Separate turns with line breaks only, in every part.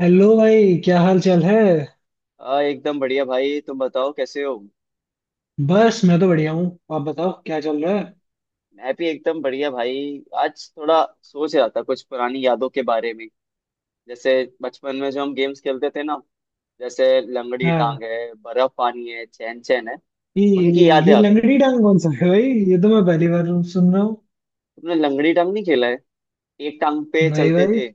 Hello भाई, क्या हाल चाल है।
एकदम बढ़िया भाई। तुम बताओ कैसे हो।
बस मैं तो बढ़िया हूँ। आप बताओ, क्या चल रहा है।
मैं भी एकदम बढ़िया भाई, आज थोड़ा सोच रहा था कुछ पुरानी यादों के बारे में, जैसे बचपन में जो हम गेम्स खेलते थे ना, जैसे लंगड़ी
हाँ,
टांग है, बर्फ पानी है, चैन चैन है, उनकी
ये
यादें
ये
आ गई।
लंगड़ी डांग कौन सा है भाई। ये तो मैं पहली बार सुन रहा हूँ।
तुमने लंगड़ी टांग नहीं खेला है? एक टांग पे
नहीं
चलते
भाई,
थे।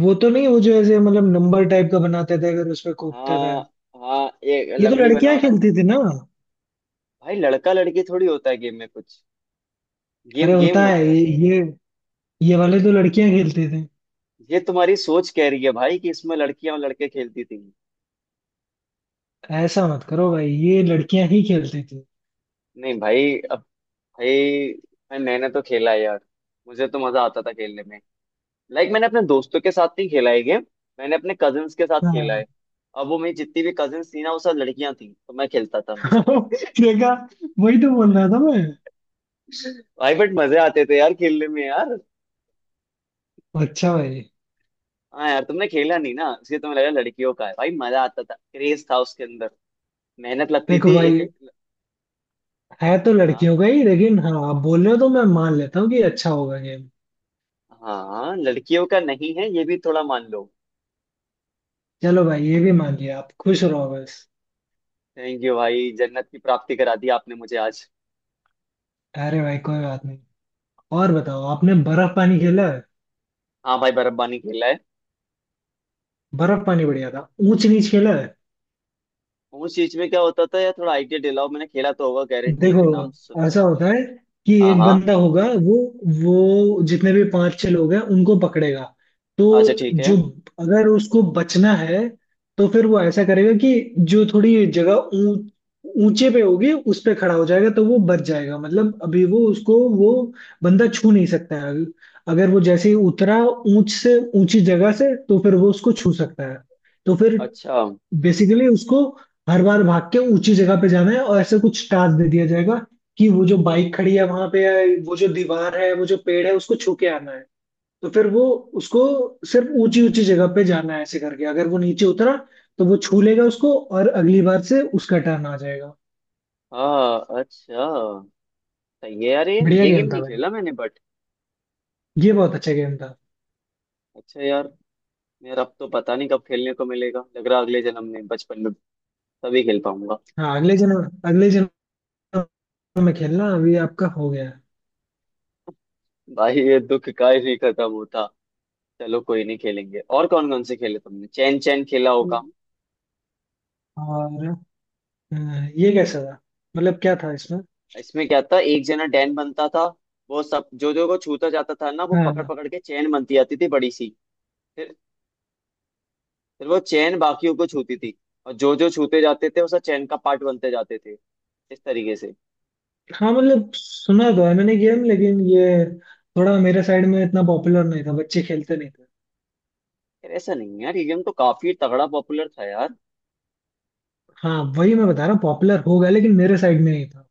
वो तो नहीं, वो जो ऐसे मतलब नंबर टाइप का बनाते थे अगर उस पे कूदते थे।
हाँ हाँ, एक
ये तो
लंगड़ी बना
लड़कियां
बना के।
खेलती थी ना।
भाई लड़का लड़की थोड़ी होता है गेम में कुछ,
अरे
गेम गेम
होता है,
होता है।
ये ये वाले तो लड़कियां खेलती थी।
ये तुम्हारी सोच कह रही है भाई कि इसमें लड़कियां और लड़के खेलती थी।
ऐसा मत करो भाई, ये लड़कियां ही खेलती थी।
नहीं भाई, भाई मैंने तो खेला है यार। मुझे तो मजा आता था खेलने में। लाइक मैंने अपने दोस्तों के साथ नहीं खेला है गेम, मैंने अपने कजिन्स के साथ खेला
हाँ
है। अब वो मेरी जितनी भी कजिन्स थी ना, वो सब लड़कियां थी, तो मैं खेलता था उनके साथ।
देखा, वही तो बोल रहा था मैं।
भाई बट मजे आते थे यार खेलने में यार।
अच्छा भाई।
हाँ यार, तुमने खेला नहीं ना इसलिए तुम्हें लगा लड़कियों का है। भाई मजा आता था, क्रेज था उसके अंदर, मेहनत लगती
देखो
थी एक
भाई,
एक।
है तो
हाँ
लड़कियों का ही, लेकिन हाँ, आप बोल रहे हो तो मैं मान लेता हूँ कि अच्छा होगा गेम।
हाँ, लड़कियों का नहीं है ये भी थोड़ा मान लो।
चलो भाई, ये भी मान लिया, आप खुश रहो बस।
थैंक यू भाई, जन्नत की प्राप्ति करा दी आपने मुझे आज।
अरे भाई, कोई बात नहीं। और बताओ, आपने बर्फ पानी खेला है।
हाँ भाई, बर्फबानी खेला है।
बर्फ पानी बढ़िया था। ऊंच नीच खेला है।
उस चीज में क्या होता था यार? थोड़ा आइडिया दिलाओ, मैंने खेला तो होगा, गारंटी है कि नाम
देखो,
सुना
ऐसा
सुना।
होता है कि
हाँ
एक
हाँ।
बंदा होगा, वो जितने भी 5 6 लोग हैं उनको पकड़ेगा। तो
अच्छा, ठीक है।
जो, अगर उसको बचना है तो फिर वो ऐसा करेगा कि जो थोड़ी जगह ऊंच ऊंचे पे होगी उस पे खड़ा हो जाएगा तो वो बच जाएगा। मतलब अभी वो उसको वो बंदा छू नहीं सकता है। अगर वो जैसे ही उतरा ऊंच से ऊंची जगह से, तो फिर वो उसको छू सकता है। तो फिर
अच्छा।
बेसिकली उसको हर बार भाग के ऊंची जगह पे जाना है, और ऐसे कुछ टास्क दे दिया जाएगा कि वो जो बाइक खड़ी है वहां पे है, वो जो दीवार है, वो जो पेड़ है, उसको छू के आना है। तो फिर वो उसको सिर्फ ऊंची ऊंची जगह पे जाना है। ऐसे करके अगर वो नीचे उतरा तो वो छू लेगा उसको, और अगली बार से उसका टर्न आ जाएगा।
हाँ, अच्छा। सही है यार,
बढ़िया
ये
गेम
गेम
था
नहीं
भाई,
खेला मैंने बट।
ये बहुत अच्छा गेम था।
अच्छा यार। यार अब तो पता नहीं कब खेलने को मिलेगा, लग रहा अगले जन्म में बचपन में तभी खेल पाऊंगा।
हाँ, अगले जन्म में खेलना अभी आपका हो गया है।
भाई ये दुख काहे नहीं खत्म होता। चलो, कोई नहीं, खेलेंगे। और कौन कौन से खेले तुमने? चैन चैन खेला होगा।
और अ, ये कैसा था, मतलब क्या था इसमें।
इसमें क्या था, एक जना डैन बनता था। वो सब जो जो को छूता जाता था ना, वो पकड़
हाँ।
पकड़ के चैन बनती आती थी बड़ी सी। फिर वो चैन बाकियों को छूती थी, और जो जो छूते जाते थे उसका चैन का पार्ट बनते जाते थे, इस तरीके से।
हाँ, मतलब सुना तो है मैंने गेम, लेकिन ये थोड़ा मेरे साइड में इतना पॉपुलर नहीं था, बच्चे खेलते नहीं थे।
यार ऐसा नहीं है यार, ये गेम तो काफी तगड़ा पॉपुलर था यार।
हाँ वही मैं बता रहा हूँ, पॉपुलर हो गया लेकिन मेरे साइड में नहीं था।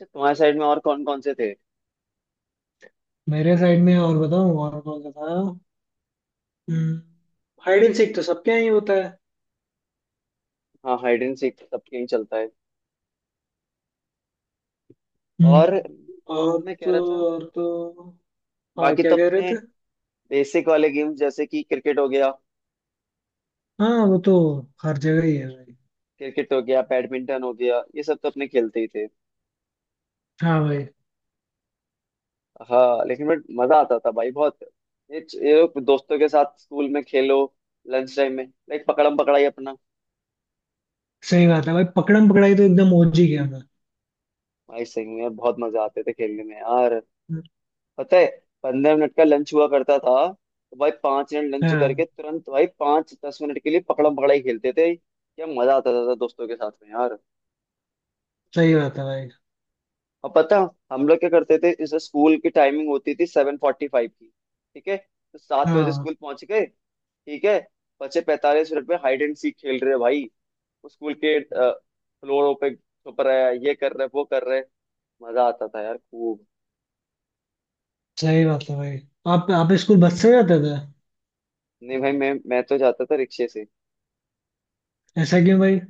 अच्छा, तुम्हारे साइड में और कौन कौन से थे?
मेरे साइड में, और बताऊँ और कौन सा था। हाइड एंड सीक तो सबके यहाँ ही होता है।
हाँ, हाइड एंड सीक सबके यहीं चलता है। और
हम्म,
अब
और
मैं कह रहा था,
तो और तो हाँ,
बाकी
क्या
तो
कह रहे
अपने
थे।
बेसिक वाले गेम्स जैसे कि क्रिकेट हो गया।
हाँ वो तो हर जगह ही है भाई।
क्रिकेट हो गया, बैडमिंटन हो गया, ये सब तो अपने खेलते ही थे।
हाँ भाई।
हाँ लेकिन बट मजा आता था भाई बहुत। ये ये लोग दोस्तों के साथ स्कूल में खेलो, लंच टाइम में लाइक पकड़म पकड़ाई अपना।
सही बात है भाई, पकड़म पकड़ाई तो एकदम ओजी गेम है।
भाई सही में बहुत मजा आते थे खेलने में यार। पता है, 15 मिनट का लंच हुआ करता था, तो भाई 5 मिनट लंच करके
हाँ,
तुरंत भाई 5-10 मिनट के लिए पकड़म पकड़ाई खेलते थे, क्या मजा आता था दोस्तों के साथ में यार।
सही बात है भाई।
और पता हम लोग क्या करते थे, जैसे स्कूल की टाइमिंग होती थी 7:45 की, ठीक है, तो 7 बजे
हाँ,
स्कूल पहुंच गए, ठीक है, बचे 45 मिनट में हाइड एंड सीक खेल रहे भाई। स्कूल के फ्लोरों पे छुप रहा है, ये कर रहे वो कर रहे, मजा आता था यार खूब।
सही बात है भाई। आप स्कूल बस से जाते थे।
नहीं भाई, मैं तो जाता था रिक्शे से।
ऐसा क्यों भाई।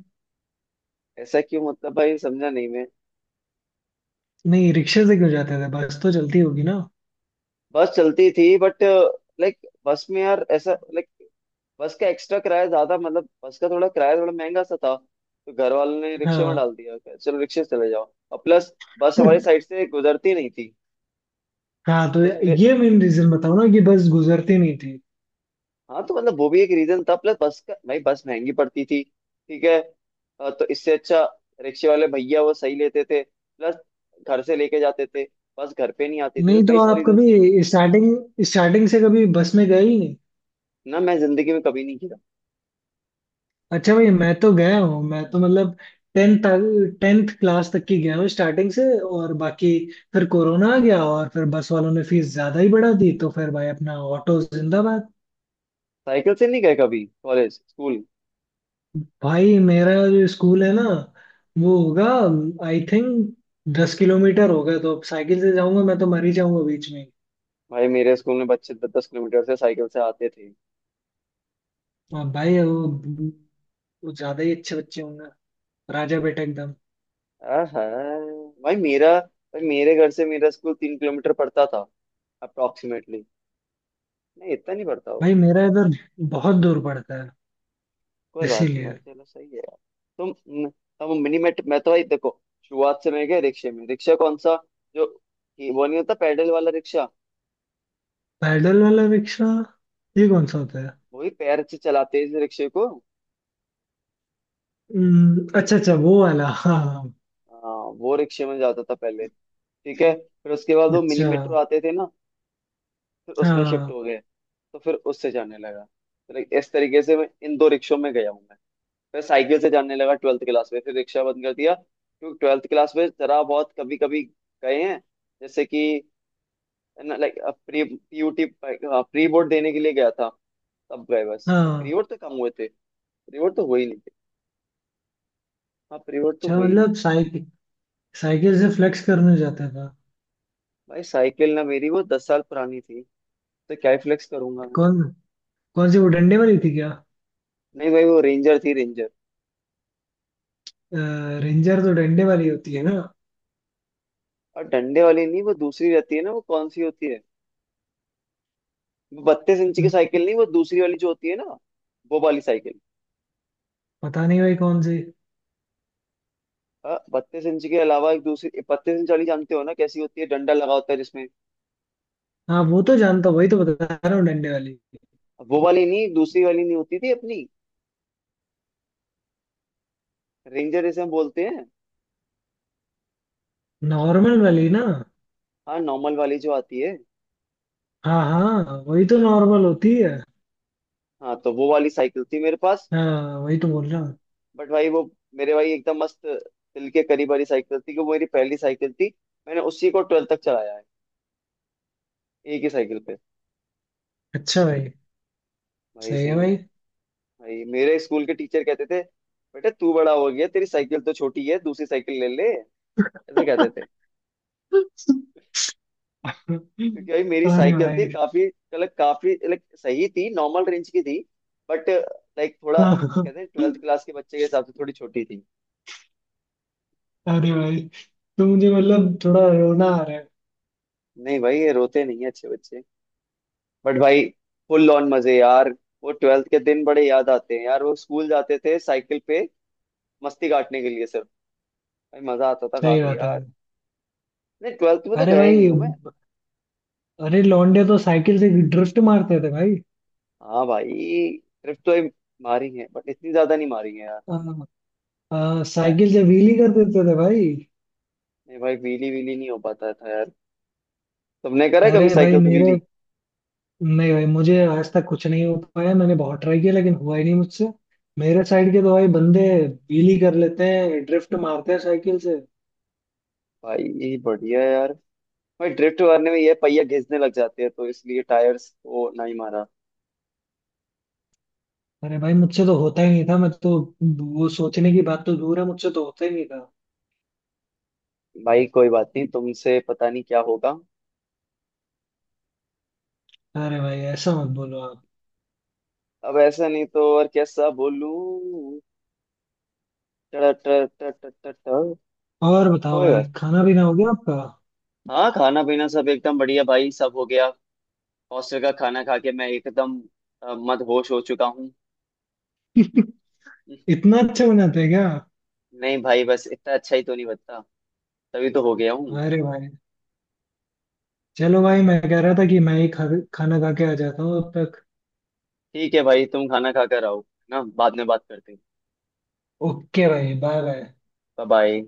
ऐसा क्यों मतलब, भाई समझा नहीं मैं।
नहीं, रिक्शे से क्यों जाते थे, बस तो चलती होगी ना।
बस चलती थी बट लाइक बस में यार ऐसा लाइक, बस का एक्स्ट्रा किराया ज्यादा, मतलब बस का थोड़ा किराया थोड़ा महंगा सा था, तो घर वालों ने रिक्शे में
हाँ
डाल दिया कि चलो रिक्शे से चले जाओ, और प्लस बस हमारी साइड से गुजरती नहीं थी,
हाँ तो
तो उसके लिए।
ये मेन रीजन बताओ ना, कि बस गुजरती नहीं थी।
हाँ तो मतलब वो भी एक रीजन था, प्लस बस का, भाई बस महंगी पड़ती थी, ठीक है। तो इससे अच्छा रिक्शे वाले भैया वो सही लेते थे, प्लस घर से लेके जाते थे, बस घर पे नहीं आती थी, तो
नहीं, तो
कई सारे
आप
रीजन की वजह से।
कभी स्टार्टिंग स्टार्टिंग से कभी बस में गए ही नहीं।
ना मैं जिंदगी में कभी नहीं गिरा।
अच्छा भाई, मैं तो गया हूँ। मैं तो मतलब टेंथ टेंथ क्लास तक की गया हूँ स्टार्टिंग से। और बाकी फिर कोरोना आ गया, और फिर बस वालों ने फीस ज्यादा ही बढ़ा दी, तो फिर भाई अपना ऑटो जिंदाबाद।
साइकिल से नहीं गए कभी कॉलेज स्कूल?
भाई मेरा जो स्कूल है ना, वो होगा आई थिंक 10 किलोमीटर होगा, तो अब साइकिल से जाऊंगा मैं तो मर ही जाऊंगा बीच में।
भाई मेरे स्कूल में बच्चे 10-10 किलोमीटर से साइकिल से आते थे।
हाँ भाई, वो ज्यादा ही अच्छे बच्चे होंगे, राजा बेटा एकदम।
आहा। भाई मेरे घर से मेरा स्कूल 3 किलोमीटर पड़ता था, अप्रोक्सीमेटली, नहीं इतना नहीं पड़ता होगा।
भाई मेरा इधर बहुत दूर पड़ता है,
कोई बात नहीं
इसीलिए।
भाई, चलो सही है यार। तुम, हम मिनी मेट, मैं तो भाई देखो शुरुआत से मैं गया रिक्शे में, रिक्शा कौन सा, जो कि वो नहीं होता पैडल वाला रिक्शा,
पैदल वाला रिक्शा, ये कौन सा होता है।
वही पैर से चलाते इस रिक्शे को।
अच्छा अच्छा, वो वाला हाँ।
हाँ, वो रिक्शे में जाता था पहले, ठीक है, फिर उसके बाद वो मिनी
अच्छा।
मेट्रो आते थे ना, फिर उसमें शिफ्ट
हाँ
हो गए, तो फिर उससे जाने लगा, तो लाइक इस तरीके से मैं इन दो रिक्शों में गया हूँ मैं। फिर साइकिल से जाने लगा ट्वेल्थ क्लास में, फिर रिक्शा बंद कर दिया, क्योंकि ट्वेल्थ क्लास में जरा बहुत कभी कभी गए हैं, जैसे कि like pre PUT pre board देने के लिए गया था, तब गए, बस
हाँ।
प्री बोर्ड तो कम हुए थे, प्री बोर्ड तो हुए ही नहीं थे, हाँ प्री बोर्ड तो
अच्छा
हुए ही नहीं।
मतलब, साइकिल साइकिल से फ्लेक्स करने जाता था।
भाई साइकिल ना मेरी वो 10 साल पुरानी थी, तो क्या ही फ्लेक्स करूंगा मैं।
कौन कौन सी, वो डंडे वाली थी क्या।
नहीं भाई, वो रेंजर थी, रेंजर।
रेंजर तो डंडे वाली होती है ना।
और डंडे वाली नहीं, वो दूसरी रहती है ना, वो कौन सी होती है। 32 इंच की
हम्म,
साइकिल, नहीं, वो दूसरी वाली जो होती है ना, वो वाली साइकिल।
पता नहीं भाई कौन सी।
हाँ, 32 इंच के अलावा एक दूसरी 32 इंच वाली जानते हो ना, कैसी होती है, डंडा लगा होता है जिसमें।
हाँ वो तो जानता हूँ, वही तो बता रहा हूँ डंडे वाली।
वो वाली नहीं, दूसरी वाली नहीं होती थी अपनी, रेंजर जिसे हम बोलते हैं।
नॉर्मल वाली ना।
हाँ, नॉर्मल वाली जो आती है।
हाँ हाँ, वही तो नॉर्मल होती है।
हाँ, तो वो वाली साइकिल थी मेरे पास।
हाँ, वही तो बोल रहा हूँ।
बट भाई वो, मेरे भाई एकदम मस्त दिल के करीब वाली साइकिल थी कि वो मेरी पहली साइकिल थी। मैंने उसी को ट्वेल्थ तक चलाया है, एक ही साइकिल पे।
अच्छा भाई।
भाई,
सही
सही।
है भाई।
भाई मेरे स्कूल के टीचर कहते थे, बेटा तू बड़ा हो गया, तेरी साइकिल तो छोटी है, दूसरी साइकिल ले ले, ऐसे कहते थे, क्योंकि भाई मेरी
अरे
साइकिल थी
भाई।
काफी, मतलब काफी लाइक सही थी, नॉर्मल रेंज की थी, बट लाइक थोड़ा
हाँ हाँ।
कहते हैं ट्वेल्थ क्लास के बच्चे के हिसाब से थोड़ी छोटी थी।
अरे भाई, तो मुझे मतलब थोड़ा रोना आ रहा है।
नहीं भाई, ये रोते नहीं है अच्छे बच्चे। बट भाई फुल ऑन मजे यार, वो ट्वेल्थ के दिन बड़े याद आते हैं यार, वो स्कूल जाते थे साइकिल पे मस्ती काटने के लिए सिर्फ, भाई मजा आता था
सही
काफी
बात है भाई।
यार। नहीं ट्वेल्थ में तो
अरे
गया ही नहीं
भाई।
हूँ मैं।
अरे, लौंडे तो साइकिल से ड्रिफ्ट मारते थे भाई।
हाँ भाई, ट्रिप तो ये मारी है बट इतनी ज्यादा नहीं मारी है यार।
आ, आ,
पता है,
साइकिल से व्हीली कर देते थे भाई।
नहीं भाई व्हीली व्हीली नहीं हो पाता था यार। तुमने करा है कभी
अरे भाई
साइकिल से
मेरे,
व्हीली?
नहीं भाई, मुझे आज तक कुछ नहीं हो पाया। मैंने बहुत ट्राई किया लेकिन हुआ ही नहीं मुझसे। मेरे साइड के तो भाई बंदे व्हीली कर लेते हैं, ड्रिफ्ट मारते हैं साइकिल से।
भाई ये बढ़िया है यार। भाई ड्रिफ्ट मारने में ये पहिया घिसने लग जाते हैं तो इसलिए टायर्स को नहीं मारा।
अरे भाई, मुझसे तो होता ही नहीं था। मैं तो वो सोचने की बात तो दूर है, मुझसे तो होता ही नहीं था।
भाई कोई बात नहीं, तुमसे पता नहीं क्या होगा।
अरे भाई, ऐसा मत बोलो आप।
अब ऐसा नहीं तो और कैसा बोलूं। टर टर टर टर टर टर।
और बताओ
कोई
भाई,
बात,
खाना पीना हो गया आपका।
हाँ, खाना पीना सब एकदम बढ़िया भाई, सब हो गया। हॉस्टल का खाना खा के मैं एकदम मदहोश हो चुका हूँ।
इतना अच्छा बनाते हैं क्या।
नहीं भाई, बस इतना अच्छा ही तो नहीं, बता तभी तो हो गया हूँ।
अरे भाई, चलो भाई, मैं कह रहा था कि खाना खा के आ जाता हूँ अब तक।
ठीक है भाई, तुम खाना खा कर आओ ना, बाद में बात करते हैं।
ओके भाई, बाय बाय।
बाय। बाय।